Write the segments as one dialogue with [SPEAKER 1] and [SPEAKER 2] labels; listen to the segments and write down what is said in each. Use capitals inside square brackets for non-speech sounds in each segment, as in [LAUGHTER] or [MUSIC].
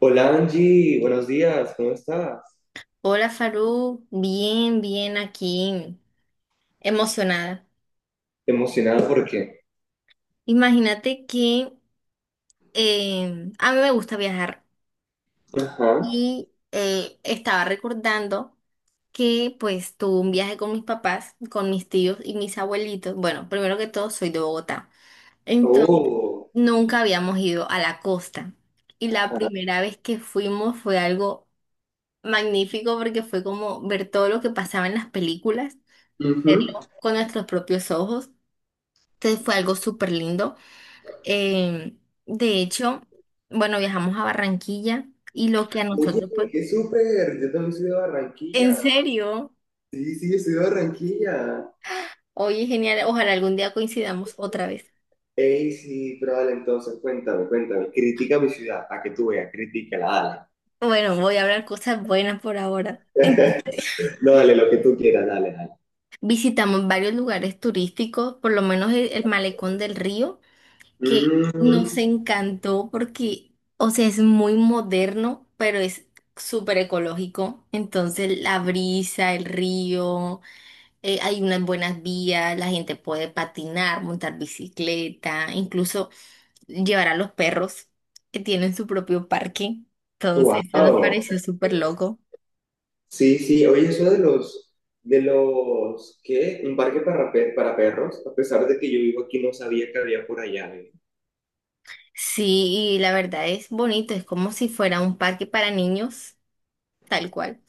[SPEAKER 1] Hola Angie, buenos días, ¿cómo estás?
[SPEAKER 2] Hola Farú, bien, bien aquí, emocionada.
[SPEAKER 1] Emocionado porque.
[SPEAKER 2] Imagínate que a mí me gusta viajar
[SPEAKER 1] Ajá.
[SPEAKER 2] y estaba recordando que pues tuve un viaje con mis papás, con mis tíos y mis abuelitos. Bueno, primero que todo soy de Bogotá. Entonces,
[SPEAKER 1] Oh.
[SPEAKER 2] nunca habíamos ido a la costa. Y la primera vez que fuimos fue algo magnífico porque fue como ver todo lo que pasaba en las películas,
[SPEAKER 1] Ujú.
[SPEAKER 2] verlo con nuestros propios ojos. Entonces fue algo súper lindo. Eh, de hecho, bueno, viajamos a Barranquilla y lo que a
[SPEAKER 1] Oye,
[SPEAKER 2] nosotros, pues,
[SPEAKER 1] qué súper. Yo también soy de
[SPEAKER 2] en
[SPEAKER 1] Barranquilla.
[SPEAKER 2] serio,
[SPEAKER 1] Sí, sí, yo soy de Barranquilla.
[SPEAKER 2] oye, genial, ojalá algún día coincidamos otra vez.
[SPEAKER 1] Ey, sí, pero dale, entonces, cuéntame, cuéntame. Critica mi ciudad, para que tú veas, critícala, dale.
[SPEAKER 2] Bueno, voy a hablar cosas buenas por ahora. Entonces,
[SPEAKER 1] No, dale, lo que tú quieras, dale, dale.
[SPEAKER 2] [LAUGHS] visitamos varios lugares turísticos, por lo menos el Malecón del Río, que nos
[SPEAKER 1] Mm,
[SPEAKER 2] encantó porque, o sea, es muy moderno, pero es súper ecológico. Entonces, la brisa, el río. Hay unas buenas vías, la gente puede patinar, montar bicicleta, incluso llevar a los perros que tienen su propio parque. Entonces, eso nos
[SPEAKER 1] wow.
[SPEAKER 2] pareció súper loco.
[SPEAKER 1] Sí, sí, oye, eso de los. De los, ¿qué? Un parque para perros, a pesar de que yo vivo aquí, no sabía que había por allá. ¿Eh?
[SPEAKER 2] Sí, y la verdad es bonito, es como si fuera un parque para niños, tal cual,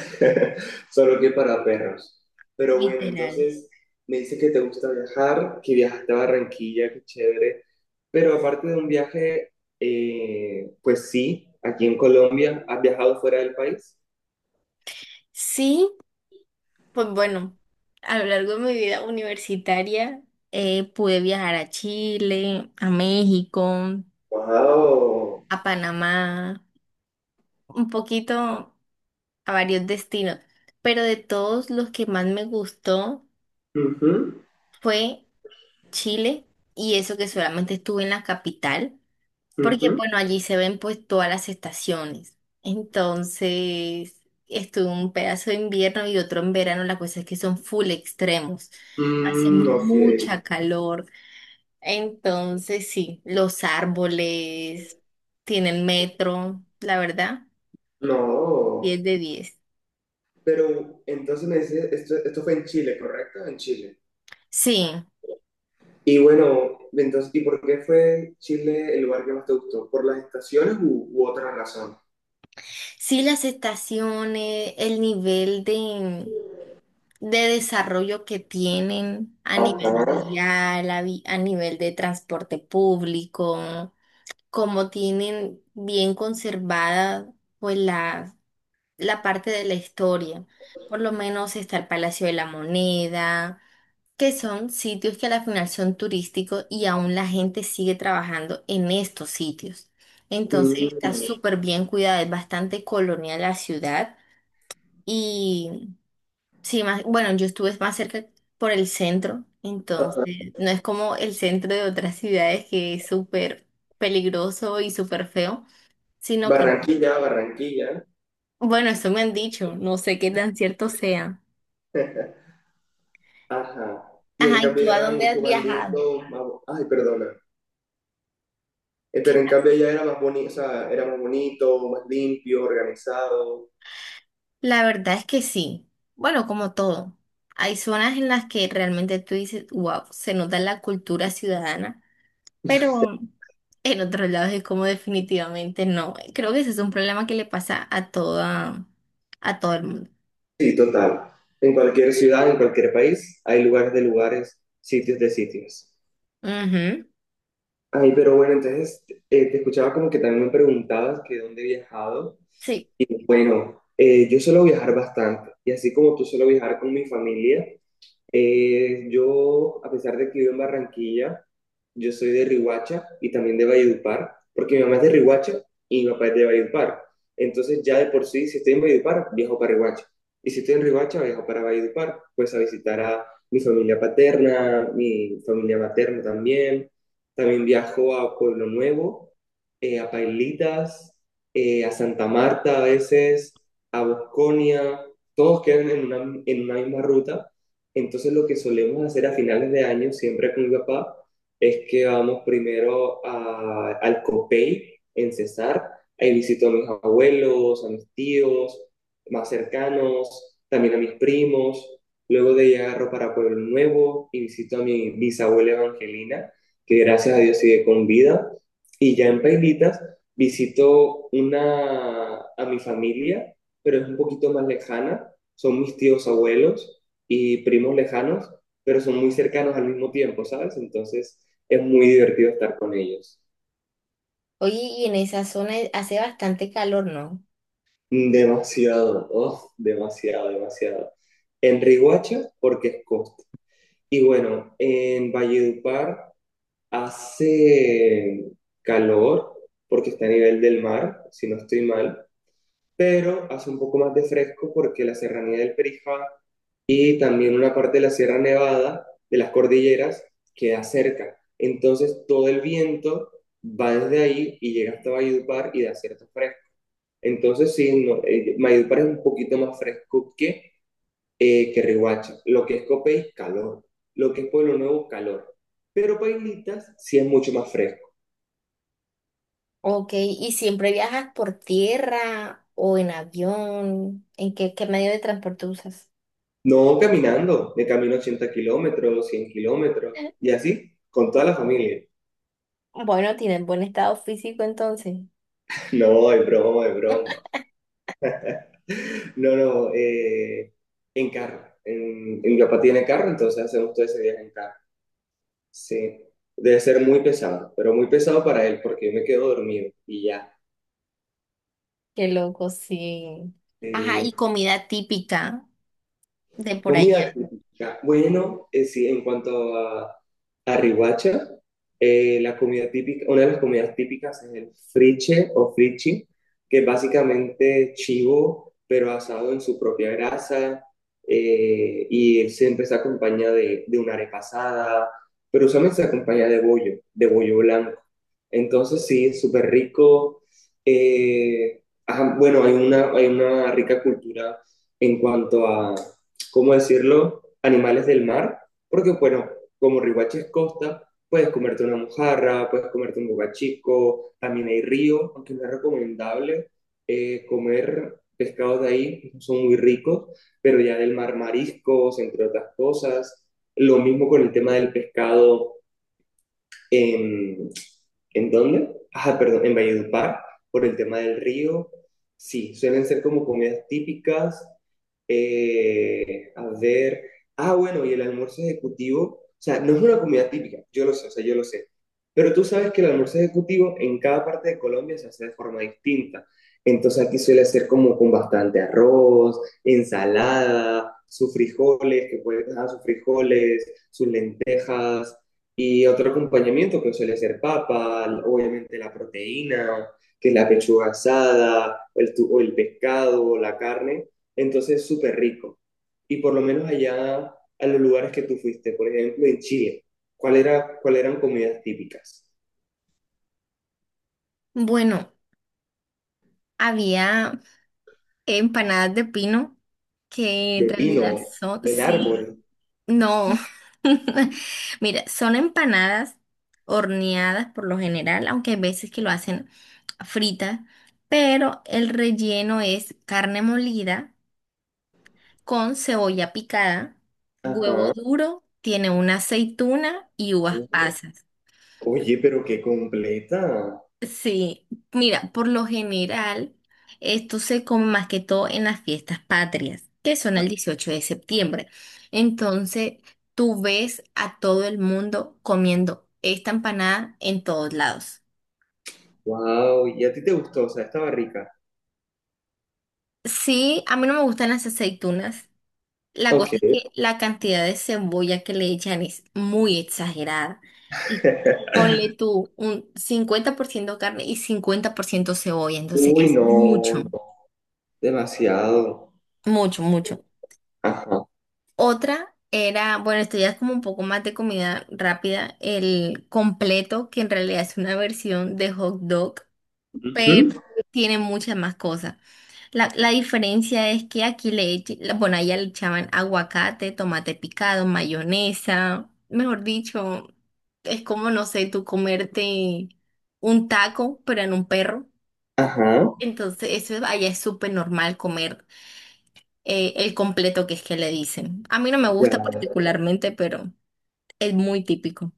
[SPEAKER 1] [LAUGHS] Solo que para perros. Pero bueno,
[SPEAKER 2] literal.
[SPEAKER 1] entonces me dice que te gusta viajar, que viajaste a Barranquilla, qué chévere. Pero aparte de un viaje, pues sí, aquí en Colombia, ¿has viajado fuera del país?
[SPEAKER 2] Sí, pues bueno, a lo largo de mi vida universitaria pude viajar a Chile, a México,
[SPEAKER 1] Wow.
[SPEAKER 2] a Panamá, un poquito. A varios destinos, pero de todos los que más me gustó
[SPEAKER 1] Ujú,
[SPEAKER 2] fue Chile y eso que solamente estuve en la capital, porque
[SPEAKER 1] ujú.
[SPEAKER 2] bueno, allí se ven pues todas las estaciones. Entonces, estuve un pedazo de invierno y otro en verano, la cosa es que son full extremos. Hace
[SPEAKER 1] Mm, ok,
[SPEAKER 2] mucha calor. Entonces, sí, los árboles tienen metro, la verdad, diez
[SPEAKER 1] no.
[SPEAKER 2] de diez,
[SPEAKER 1] Pero entonces me dice, esto fue en Chile, ¿correcto? En Chile.
[SPEAKER 2] Sí.
[SPEAKER 1] Y bueno, entonces, ¿y por qué fue Chile el lugar que más te gustó? ¿Por las estaciones u otra razón?
[SPEAKER 2] Sí, las estaciones, el nivel de desarrollo que tienen a nivel
[SPEAKER 1] Ajá.
[SPEAKER 2] vial, a nivel de transporte público, como tienen bien conservada pues la parte de la historia. Por lo menos está el Palacio de la Moneda, que son sitios que a la final son turísticos y aún la gente sigue trabajando en estos sitios. Entonces está
[SPEAKER 1] Mm,
[SPEAKER 2] súper bien cuidada, es bastante colonial la ciudad y sí, más, bueno, yo estuve más cerca por el centro,
[SPEAKER 1] ajá.
[SPEAKER 2] entonces no es como el centro de otras ciudades que es súper peligroso y súper feo, sino que,
[SPEAKER 1] Barranquilla, Barranquilla.
[SPEAKER 2] bueno, eso me han dicho, no sé qué tan cierto sea.
[SPEAKER 1] Ajá. Y en
[SPEAKER 2] Ajá, ¿y
[SPEAKER 1] cambio
[SPEAKER 2] tú
[SPEAKER 1] ella
[SPEAKER 2] a
[SPEAKER 1] era
[SPEAKER 2] dónde has
[SPEAKER 1] mucho más
[SPEAKER 2] viajado?
[SPEAKER 1] lindo, más ay, perdona. Pero en cambio ella era más bonito, o sea, era más bonito, más limpio, organizado.
[SPEAKER 2] La verdad es que sí. Bueno, como todo. Hay zonas en las que realmente tú dices, wow, se nota la cultura ciudadana, pero en otros lados es como definitivamente no. Creo que ese es un problema que le pasa a a todo el mundo.
[SPEAKER 1] Sí, total. En cualquier ciudad, en cualquier país, hay lugares de lugares, sitios de sitios.
[SPEAKER 2] Ujú,
[SPEAKER 1] Ay, pero bueno, entonces te escuchaba como que también me preguntabas que dónde he viajado.
[SPEAKER 2] sí.
[SPEAKER 1] Bueno, yo suelo viajar bastante y así como tú suelo viajar con mi familia. Yo, a pesar de que vivo en Barranquilla, yo soy de Riohacha y también de Valledupar, porque mi mamá es de Riohacha y mi papá es de Valledupar. Entonces ya de por sí, si estoy en Valledupar, viajo para Riohacha. Y si estoy en Riohacha, viajo para Valledupar, pues a visitar a mi familia paterna, mi familia materna también. También viajo a Pueblo Nuevo, a Pailitas, a Santa Marta a veces, a Bosconia. Todos quedan en una misma ruta. Entonces lo que solemos hacer a finales de año, siempre con mi papá, es que vamos primero al Copey en Cesar. Ahí visito a mis abuelos, a mis tíos más cercanos, también a mis primos. Luego de ahí agarro para Pueblo Nuevo y visito a mi bisabuela Evangelina, que gracias a Dios sigue con vida. Y ya en Pailitas visito a mi familia, pero es un poquito más lejana. Son mis tíos abuelos y primos lejanos, pero son muy cercanos al mismo tiempo, ¿sabes? Entonces es muy divertido estar con ellos.
[SPEAKER 2] Oye, y en esa zona hace bastante calor, ¿no?
[SPEAKER 1] Demasiado, oh, demasiado, demasiado. En Riguacha, porque es costa. Y bueno, en Valledupar hace calor, porque está a nivel del mar, si no estoy mal, pero hace un poco más de fresco porque la serranía del Perijá y también una parte de la Sierra Nevada, de las cordilleras, queda cerca. Entonces todo el viento va desde ahí y llega hasta Valledupar y da cierto fresco. Entonces sí, no, Valledupar es un poquito más fresco que Riohacha. Lo que es Copey, calor. Lo que es Pueblo Nuevo, calor. Pero Pailitas sí es mucho más fresco.
[SPEAKER 2] Ok, ¿y siempre viajas por tierra o en avión? ¿En qué, qué medio de transporte usas?
[SPEAKER 1] No caminando, de camino 80 kilómetros, 100 kilómetros
[SPEAKER 2] [LAUGHS]
[SPEAKER 1] y así, con toda la familia. [LAUGHS]
[SPEAKER 2] Bueno, tienes buen estado físico entonces.
[SPEAKER 1] No, es broma, es broma. No, no, en carro. En mi papá tiene carro, entonces hacemos todo ese viaje en carro. Sí, debe ser muy pesado, pero muy pesado para él porque yo me quedo dormido y ya.
[SPEAKER 2] Qué loco, sí. Ajá,
[SPEAKER 1] Eh,
[SPEAKER 2] y comida típica de por
[SPEAKER 1] Comida
[SPEAKER 2] allá.
[SPEAKER 1] típica. Bueno, sí, en cuanto a Riohacha, la comida típica, una de las comidas típicas es el friche o frichi, que es básicamente chivo, pero asado en su propia grasa, y siempre se acompaña de una arepa asada, pero usualmente se acompaña de bollo blanco. Entonces sí, es súper rico. Eh, ajá, bueno, hay una rica cultura en cuanto a, ¿cómo decirlo?, animales del mar, porque bueno, como Riohacha es costa, puedes comerte una mojarra, puedes comerte un bocachico, también hay río, aunque no es recomendable comer pescados de ahí, no son muy ricos, pero ya del mar mariscos, entre otras cosas. Lo mismo con el tema del pescado. ¿En, ¿En dónde? Ajá, perdón, en Valledupar, por el tema del río. Sí, suelen ser como comidas típicas. A ver, ah, bueno, y el almuerzo ejecutivo, o sea, no es una comida típica, yo lo sé, o sea, yo lo sé, pero tú sabes que el almuerzo ejecutivo en cada parte de Colombia se hace de forma distinta. Entonces aquí suele ser como con bastante arroz, ensalada, sus frijoles, que pueden dejar sus frijoles, sus lentejas, y otro acompañamiento que suele ser papa, obviamente la proteína, que es la pechuga asada, o el pescado, o la carne. Entonces, es súper rico. Y por lo menos allá a los lugares que tú fuiste, por ejemplo, en Chile, ¿cuál era, cuál eran comidas típicas?
[SPEAKER 2] Bueno, había empanadas de pino que
[SPEAKER 1] De
[SPEAKER 2] en realidad
[SPEAKER 1] Pino,
[SPEAKER 2] son,
[SPEAKER 1] el
[SPEAKER 2] sí,
[SPEAKER 1] árbol.
[SPEAKER 2] no. [LAUGHS] Mira, son empanadas horneadas por lo general, aunque hay veces que lo hacen fritas, pero el relleno es carne molida con cebolla picada, huevo
[SPEAKER 1] Ajá.
[SPEAKER 2] duro, tiene una aceituna y uvas pasas.
[SPEAKER 1] Oye, pero qué completa.
[SPEAKER 2] Sí, mira, por lo general, esto se come más que todo en las fiestas patrias, que son el 18 de septiembre. Entonces, tú ves a todo el mundo comiendo esta empanada en todos lados.
[SPEAKER 1] Wow, ¿y a ti te gustó? O sea, estaba rica.
[SPEAKER 2] Sí, a mí no me gustan las aceitunas. La cosa
[SPEAKER 1] Ok.
[SPEAKER 2] es que la cantidad de cebolla que le echan es muy exagerada. Y
[SPEAKER 1] [LAUGHS]
[SPEAKER 2] ponle tú un 50% carne y 50% cebolla, entonces
[SPEAKER 1] Uy,
[SPEAKER 2] es
[SPEAKER 1] no,
[SPEAKER 2] mucho.
[SPEAKER 1] no, demasiado.
[SPEAKER 2] Mucho, mucho.
[SPEAKER 1] Ajá,
[SPEAKER 2] Otra era, bueno, esto ya es como un poco más de comida rápida, el completo, que en realidad es una versión de hot dog,
[SPEAKER 1] ujú.
[SPEAKER 2] pero tiene muchas más cosas. La diferencia es que aquí le, eche- la- bueno, allá le echaban aguacate, tomate picado, mayonesa, mejor dicho, es como, no sé, tú comerte un taco, pero en un perro.
[SPEAKER 1] Ajá,
[SPEAKER 2] Entonces, eso es- allá es súper normal comer el completo que es que le dicen. A mí no me gusta
[SPEAKER 1] ya.
[SPEAKER 2] particularmente, pero... Es muy típico.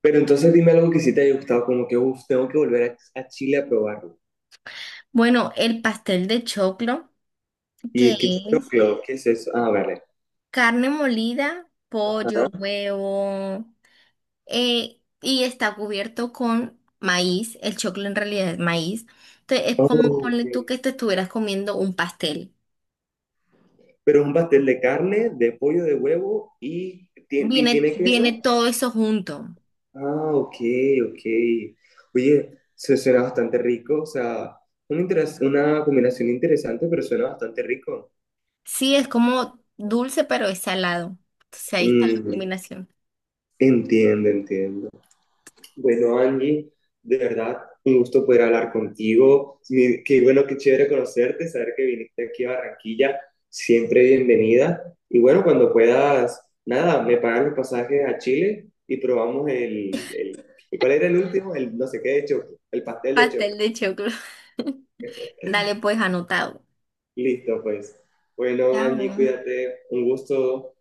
[SPEAKER 1] Pero entonces dime algo que sí te haya gustado, como que, uff, tengo que volver a Chile a probarlo.
[SPEAKER 2] Bueno, el pastel de choclo,
[SPEAKER 1] Y
[SPEAKER 2] que
[SPEAKER 1] es que
[SPEAKER 2] es
[SPEAKER 1] choclo, ¿qué es eso? Ah, vale.
[SPEAKER 2] carne molida, pollo,
[SPEAKER 1] Ajá.
[SPEAKER 2] huevo, y está cubierto con maíz. El choclo en realidad es maíz. Entonces, es
[SPEAKER 1] Oh,
[SPEAKER 2] como ponle
[SPEAKER 1] ok.
[SPEAKER 2] tú que te estuvieras comiendo un pastel.
[SPEAKER 1] Pero es un pastel de carne, de pollo, de huevo y
[SPEAKER 2] Viene,
[SPEAKER 1] tiene queso.
[SPEAKER 2] viene todo eso junto.
[SPEAKER 1] Ah, ok, ok. Oye, se suena bastante rico, o sea, una combinación interesante, pero suena bastante rico.
[SPEAKER 2] Sí, es como dulce, pero es salado. Entonces, ahí está la
[SPEAKER 1] Mm.
[SPEAKER 2] combinación.
[SPEAKER 1] Entiendo, entiendo. Bueno, Angie, de verdad, un gusto poder hablar contigo. Qué bueno, qué chévere conocerte, saber que viniste aquí a Barranquilla. Siempre bienvenida. Y bueno, cuando puedas, nada, me pagan los pasajes a Chile y probamos el. ¿Cuál era el último? El no sé qué de choco, el pastel de choco.
[SPEAKER 2] Pastel de choclo. [LAUGHS] Dale, pues anotado.
[SPEAKER 1] Listo, pues. Bueno, Angie,
[SPEAKER 2] Chao.
[SPEAKER 1] cuídate. Un gusto.